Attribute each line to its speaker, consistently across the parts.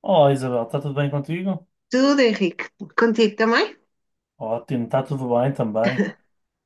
Speaker 1: Olá, Isabel, está tudo bem contigo?
Speaker 2: Tudo, Henrique. Contigo também?
Speaker 1: Ótimo, está tudo bem também.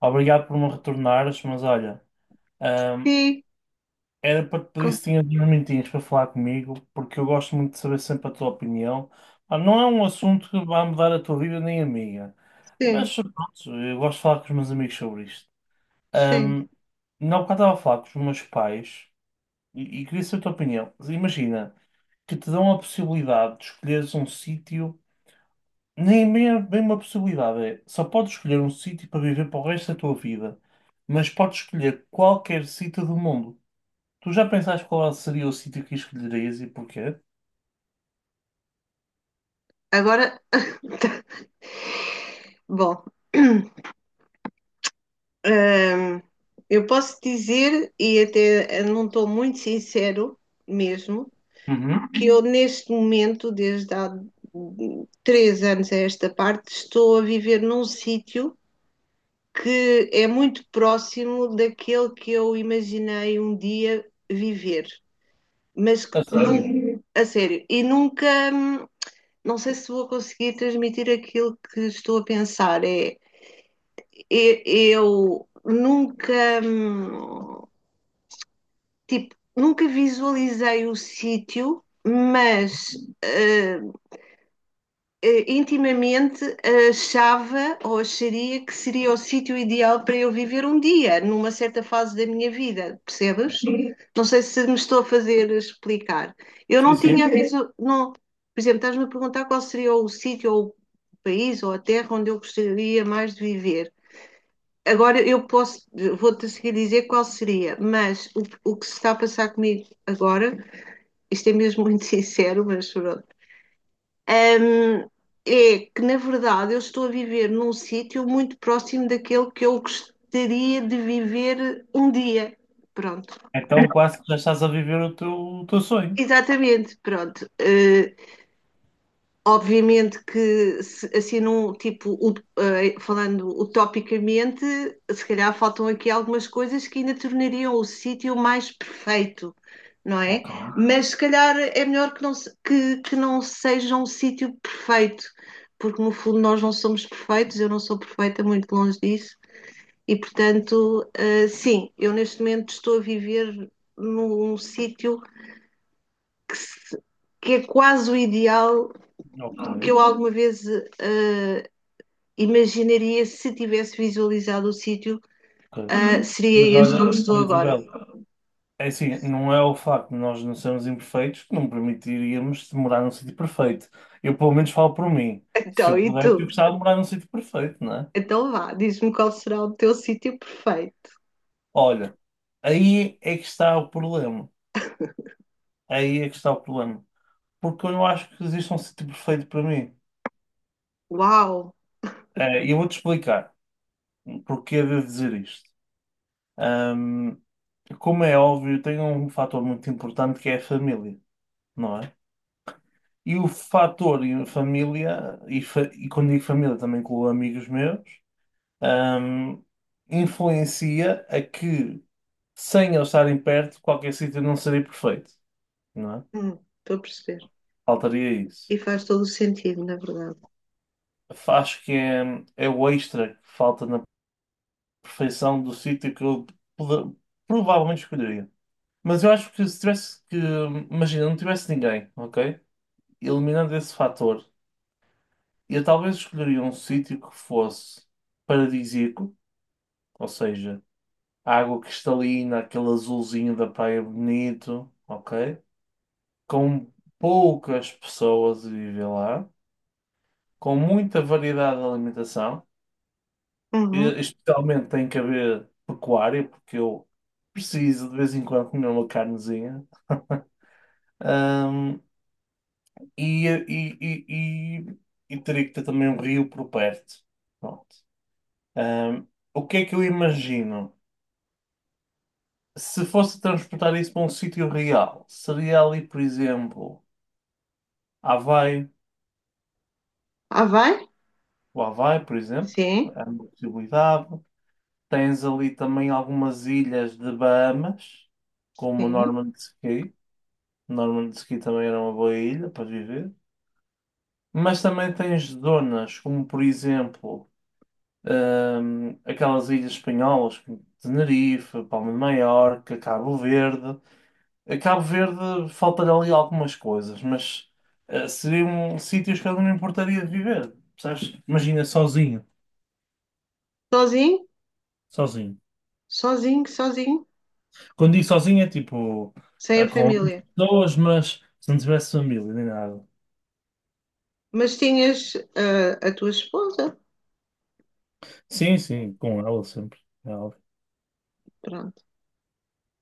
Speaker 1: Obrigado por me retornares, mas olha, hum,
Speaker 2: Sim,
Speaker 1: era para te pedir
Speaker 2: com-
Speaker 1: se tinhas uns minutinhos para falar comigo, porque eu gosto muito de saber sempre a tua opinião. Ah, não é um assunto que vá mudar a tua vida nem a minha,
Speaker 2: sim,
Speaker 1: mas pronto, eu gosto de falar com os meus amigos sobre isto.
Speaker 2: sim.
Speaker 1: Hum, na época estava a falar com os meus pais e queria saber a tua opinião. Imagina que te dão a possibilidade de escolheres um sítio. Nem bem é bem uma possibilidade, é só podes escolher um sítio para viver para o resto da tua vida, mas podes escolher qualquer sítio do mundo. Tu já pensaste qual seria o sítio que escolherias e porquê?
Speaker 2: Agora, tá. Bom, hum, eu posso dizer, e até não estou muito sincero mesmo,
Speaker 1: Uhum.
Speaker 2: que eu neste momento, desde há 3 anos a esta parte, estou a viver num sítio que é muito próximo daquele que eu imaginei um dia viver, mas que
Speaker 1: A sério?
Speaker 2: nunca, a sério, e nunca. hum, não sei se vou conseguir transmitir aquilo que estou a pensar. É, eu nunca, hum, tipo, nunca visualizei o sítio, mas eh, intimamente achava ou acharia que seria o sítio ideal para eu viver um dia, numa certa fase da minha vida, percebes? Sim. Não sei se me estou a fazer explicar. Eu
Speaker 1: Sim,
Speaker 2: não
Speaker 1: sim.
Speaker 2: tinha a não, por exemplo, estás-me a perguntar qual seria o sítio ou o país ou a terra onde eu gostaria mais de viver. Agora eu posso, vou-te a seguir dizer qual seria, mas o que se está a passar comigo agora, isto é mesmo muito sincero, mas pronto. Ahm, É que, na verdade, eu estou a viver num sítio muito próximo daquele que eu gostaria de viver um dia. Pronto.
Speaker 1: Então quase que já estás a viver o teu sonho.
Speaker 2: Exatamente, pronto. Obviamente que, assim, num, tipo, falando utopicamente, se calhar faltam aqui algumas coisas que ainda tornariam o sítio mais perfeito, não é?
Speaker 1: Ok,
Speaker 2: Mas se calhar é melhor que não, que não seja um sítio perfeito, porque no fundo nós não somos perfeitos, eu não sou perfeita, muito longe disso, e portanto, sim, eu neste momento estou a viver num sítio que é quase o ideal
Speaker 1: ok,
Speaker 2: que eu alguma vez eh, imaginaria se tivesse visualizado o sítio.
Speaker 1: ok.
Speaker 2: Ah,
Speaker 1: Mas
Speaker 2: seria este
Speaker 1: olha,
Speaker 2: onde
Speaker 1: ó
Speaker 2: estou agora.
Speaker 1: Isabel, é assim, não é o facto de nós não sermos imperfeitos que não permitiríamos de morar num sítio perfeito. Eu pelo menos falo por mim. Se eu
Speaker 2: Então, e
Speaker 1: pudesse, eu
Speaker 2: tu?
Speaker 1: gostava de morar num sítio perfeito, não é?
Speaker 2: Então vá, diz-me qual será o teu sítio perfeito.
Speaker 1: Olha, aí é que está o problema. Aí é que está o problema. Porque eu não acho que existe um sítio perfeito para mim.
Speaker 2: Uau!
Speaker 1: E eu vou-te explicar porque é de dizer isto. Como é óbvio, tem um fator muito importante que é a família, não é? E o fator e a família, e, fa e quando digo família também com amigos meus, ahm, influencia a que, sem eles estarem perto, qualquer sítio não seria perfeito, não é?
Speaker 2: Hum, estou a perceber.
Speaker 1: Faltaria isso.
Speaker 2: E faz todo o sentido, na verdade.
Speaker 1: Acho que é, é o extra que falta na perfeição do sítio que eu poder- provavelmente escolheria. Mas eu acho que se tivesse que, imagina, não tivesse ninguém, ok? Eliminando esse fator, eu talvez escolheria um sítio que fosse paradisíaco, ou seja, água cristalina, aquele azulzinho da praia bonito, ok? Com poucas pessoas a viver lá, com muita variedade de alimentação.
Speaker 2: Uhum.
Speaker 1: E- especialmente tem que haver pecuária, porque eu preciso de vez em quando comer uma carnezinha. Ahm, e, e, e, e teria que ter também um rio por perto. Pronto. Ahm, o que é que eu imagino? Se fosse transportar isso para um sítio real, seria ali, por exemplo, Havaí,
Speaker 2: Ah, vai?
Speaker 1: o Havaí, por exemplo,
Speaker 2: Sim,
Speaker 1: é uma possibilidade. Tens ali também algumas ilhas de Bahamas, como
Speaker 2: sim.
Speaker 1: Norman's Cay. Normandiski também era uma boa ilha para viver. Mas também tens zonas como, por exemplo, aquelas ilhas espanholas, como Tenerife, Palma de Maiorca, Cabo Verde. A Cabo Verde falta-lhe ali algumas coisas, mas seriam sítios que eu não importaria de viver, percebes? Imagina sozinho,
Speaker 2: Sozinho?
Speaker 1: sozinho.
Speaker 2: Sozinho, sozinho,
Speaker 1: Quando digo sozinho é tipo
Speaker 2: sem a
Speaker 1: com outras
Speaker 2: família.
Speaker 1: pessoas, mas se não tivesse família nem nada.
Speaker 2: Mas tinhas a tua esposa?
Speaker 1: Sim, sim, com ela sempre.
Speaker 2: Pronto.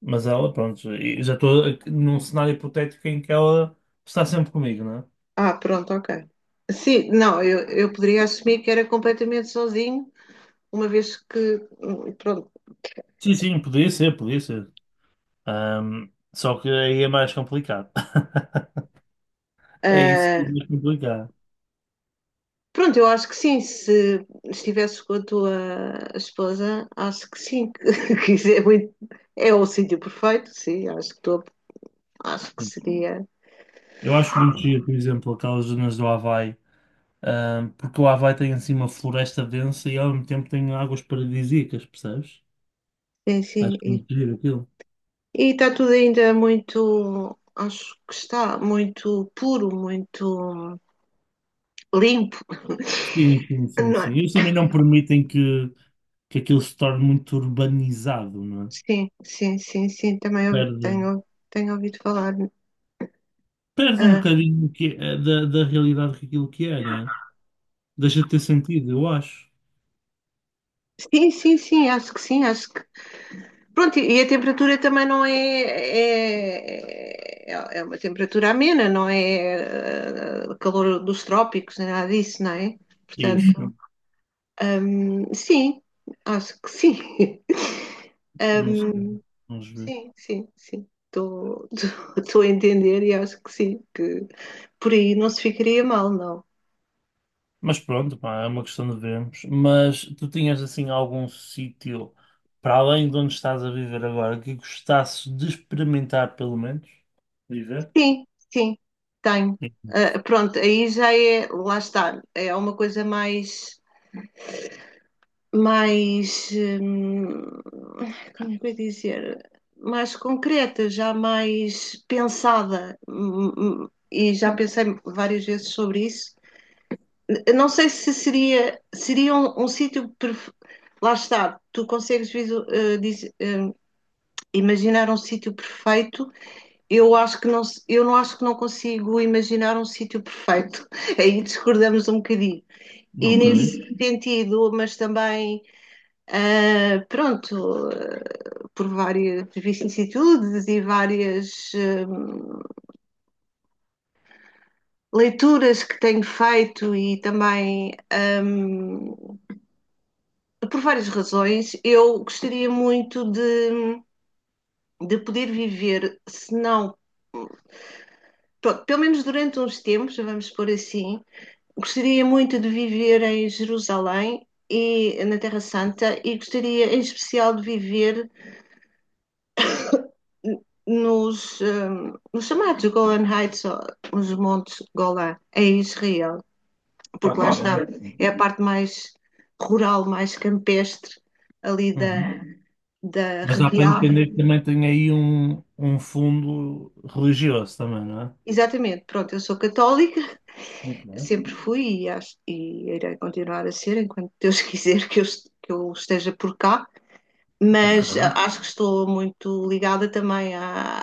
Speaker 1: Mas ela, pronto, e já estou num cenário hipotético em que ela está sempre comigo, não é?
Speaker 2: Ah, pronto, ok. Sim, não, eu poderia assumir que era completamente sozinho, uma vez que, pronto.
Speaker 1: Sim, sim, podia ser, podia ser. Ahm, só que aí é mais complicado. É isso, é
Speaker 2: Ah,
Speaker 1: mais complicado.
Speaker 2: pronto, eu acho que sim. Se estivesse com a tua esposa, acho que sim. Que isso é, é o sítio perfeito, sim. Acho que, acho que
Speaker 1: Sim.
Speaker 2: seria.
Speaker 1: Eu acho muito giro, por exemplo, aquelas zonas do Havaí, porque o Havaí tem assim uma floresta densa e ao mesmo tempo tem águas paradisíacas, percebes?
Speaker 2: Sim,
Speaker 1: Acho
Speaker 2: sim. E
Speaker 1: muito giro aquilo.
Speaker 2: e está tudo ainda muito. Acho que está muito puro, muito limpo,
Speaker 1: Sim, sim, sim,
Speaker 2: não é?
Speaker 1: sim. Eles também não permitem que aquilo se torne muito urbanizado, não é?
Speaker 2: Sim, sim, sim, sim. Também
Speaker 1: Perde.
Speaker 2: tenho, tenho ouvido falar.
Speaker 1: Perde um
Speaker 2: Ah,
Speaker 1: bocadinho que é- da, da realidade que aquilo que é, não é? Deixa de ter sentido, eu acho.
Speaker 2: sim, sim, sim. Acho que sim. Acho que pronto, e a temperatura também não é, é, é é uma temperatura amena, não é calor dos trópicos, nem nada disso, não é?
Speaker 1: Isso,
Speaker 2: Portanto,
Speaker 1: não,
Speaker 2: sim, acho que sim.
Speaker 1: não sei. Vamos ver.
Speaker 2: Sim, sim, sim. Estou estou a entender e acho que sim, que por aí não se ficaria mal, não.
Speaker 1: Mas pronto, pá, é uma questão de vermos. Mas tu tinhas assim algum sítio para além de onde estás a viver agora que gostasses de experimentar, pelo menos? Viver?
Speaker 2: Sim, sim, tenho.
Speaker 1: Sim.
Speaker 2: Ah, pronto, aí já é, lá está, é uma coisa mais, mais, como é que eu ia dizer, mais concreta, já mais pensada. E já pensei várias vezes sobre isso. Eu não sei se seria, seria um, um sítio. Lá está, tu consegues imaginar um sítio perfeito. Eu acho que não, eu não acho que não consigo imaginar um sítio perfeito. Aí discordamos um bocadinho. E
Speaker 1: Ok,
Speaker 2: nesse sentido, mas também, ah, pronto, por várias vicissitudes e várias leituras que tenho feito e também um, por várias razões, eu gostaria muito de poder viver, se não, pelo menos durante uns tempos, vamos pôr assim, gostaria muito de viver em Jerusalém e na Terra Santa e gostaria em especial de viver nos chamados Golan Heights, os montes Golan, em Israel, porque lá
Speaker 1: ok.
Speaker 2: está, é a parte mais rural, mais campestre ali da,
Speaker 1: Uhum.
Speaker 2: da
Speaker 1: Mas dá para
Speaker 2: região.
Speaker 1: entender que também tem aí um fundo religioso também, não é?
Speaker 2: Exatamente, pronto, eu sou católica,
Speaker 1: Muito bem.
Speaker 2: sempre fui e, acho, e irei continuar a ser enquanto Deus quiser que eu esteja por cá,
Speaker 1: Ok.
Speaker 2: mas acho que estou muito ligada também à,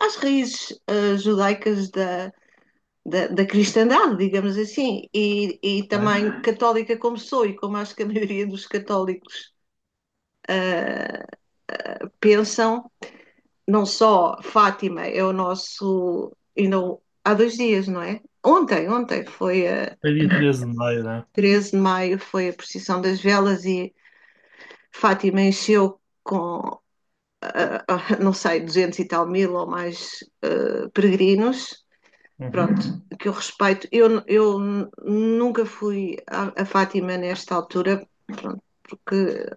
Speaker 2: às raízes judaicas da, cristandade, digamos assim, e
Speaker 1: É.
Speaker 2: também católica como sou e como acho que a maioria dos católicos pensam, não só Fátima é o nosso, ainda há 2 dias, não é? Ontem, ontem foi a
Speaker 1: Foi dia 13 de maio, né?
Speaker 2: 13 de maio, foi a procissão das velas e Fátima encheu com, ah, ah, não sei, 200 e tal mil ou mais peregrinos.
Speaker 1: Uhum.
Speaker 2: Pronto, que eu respeito. Eu nunca fui a Fátima nesta altura, pronto, porque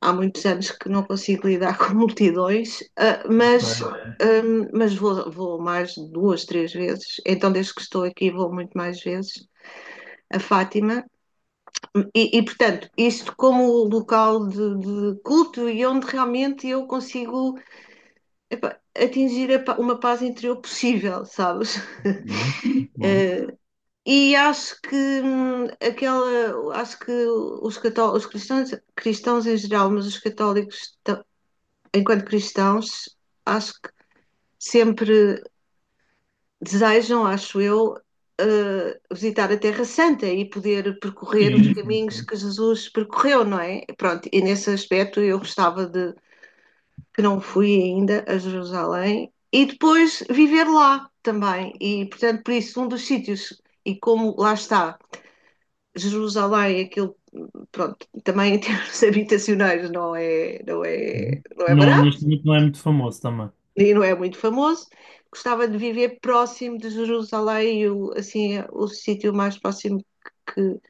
Speaker 2: há muitos anos que não consigo lidar com multidões, mas,
Speaker 1: Ok.
Speaker 2: vou, vou mais duas, três vezes. Então, desde que estou aqui, vou muito mais vezes a Fátima. E, portanto, isto como local de culto e onde realmente eu consigo, epa, atingir a, uma paz interior possível, sabes?
Speaker 1: Muito bem. Muito bem.
Speaker 2: uh, e acho que aquela, acho que os cristãos, cristãos em geral, mas os católicos enquanto cristãos, acho que sempre desejam, acho eu, visitar a Terra Santa e poder percorrer os
Speaker 1: Sim, sim,
Speaker 2: caminhos
Speaker 1: ok.
Speaker 2: que Jesus percorreu, não é? Pronto, e nesse aspecto eu gostava de que não fui ainda a Jerusalém e depois viver lá também. E, portanto, por isso, um dos sítios, e como lá está, Jerusalém, aquilo, pronto, também em termos habitacionais não é, não é,
Speaker 1: Uhum.
Speaker 2: não é
Speaker 1: Não, neste
Speaker 2: barato
Speaker 1: momento não é muito famoso também.
Speaker 2: e não é muito famoso. Gostava de viver próximo de Jerusalém, o, assim, o sítio mais próximo que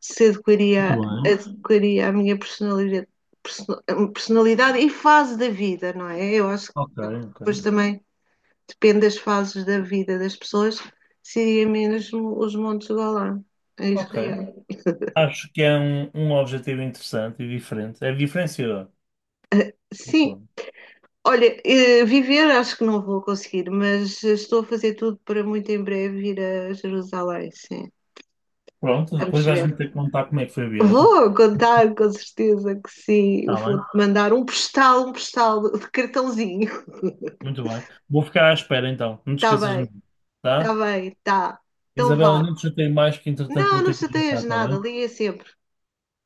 Speaker 2: se
Speaker 1: Muito
Speaker 2: adequaria,
Speaker 1: bem.
Speaker 2: adequaria à minha personalidade, personalidade e fase da vida, não é? Eu acho que
Speaker 1: Ok, ok.
Speaker 2: depois também depende das fases da vida das pessoas, seria mesmo os Montes Golã, em
Speaker 1: Ok.
Speaker 2: Israel.
Speaker 1: Acho que é um, um objetivo interessante e diferente. É diferenciador. Muito
Speaker 2: Sim,
Speaker 1: bem.
Speaker 2: olha, viver acho que não vou conseguir, mas estou a fazer tudo para muito em breve ir a Jerusalém, sim.
Speaker 1: Pronto, depois
Speaker 2: Vamos ver.
Speaker 1: vais-me ter que contar como é que foi a viagem.
Speaker 2: Vou contar, com certeza que sim.
Speaker 1: Está
Speaker 2: Vou-te
Speaker 1: bem?
Speaker 2: mandar um postal de cartãozinho.
Speaker 1: Muito bem. Vou ficar à espera então. Não te
Speaker 2: Está
Speaker 1: esqueças de
Speaker 2: bem,
Speaker 1: mim.
Speaker 2: está
Speaker 1: Tá?
Speaker 2: bem, está. Então
Speaker 1: Isabela,
Speaker 2: vá.
Speaker 1: não te chatei mais que entretanto
Speaker 2: Não,
Speaker 1: vou
Speaker 2: não
Speaker 1: ter que ir,
Speaker 2: chateias
Speaker 1: tá
Speaker 2: nada,
Speaker 1: bem?
Speaker 2: liga sempre.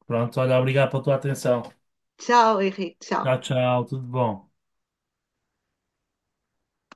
Speaker 1: Pronto, olha, obrigado pela tua atenção.
Speaker 2: Tchau, Henrique, tchau.
Speaker 1: Tchau, tchau. Tudo bom.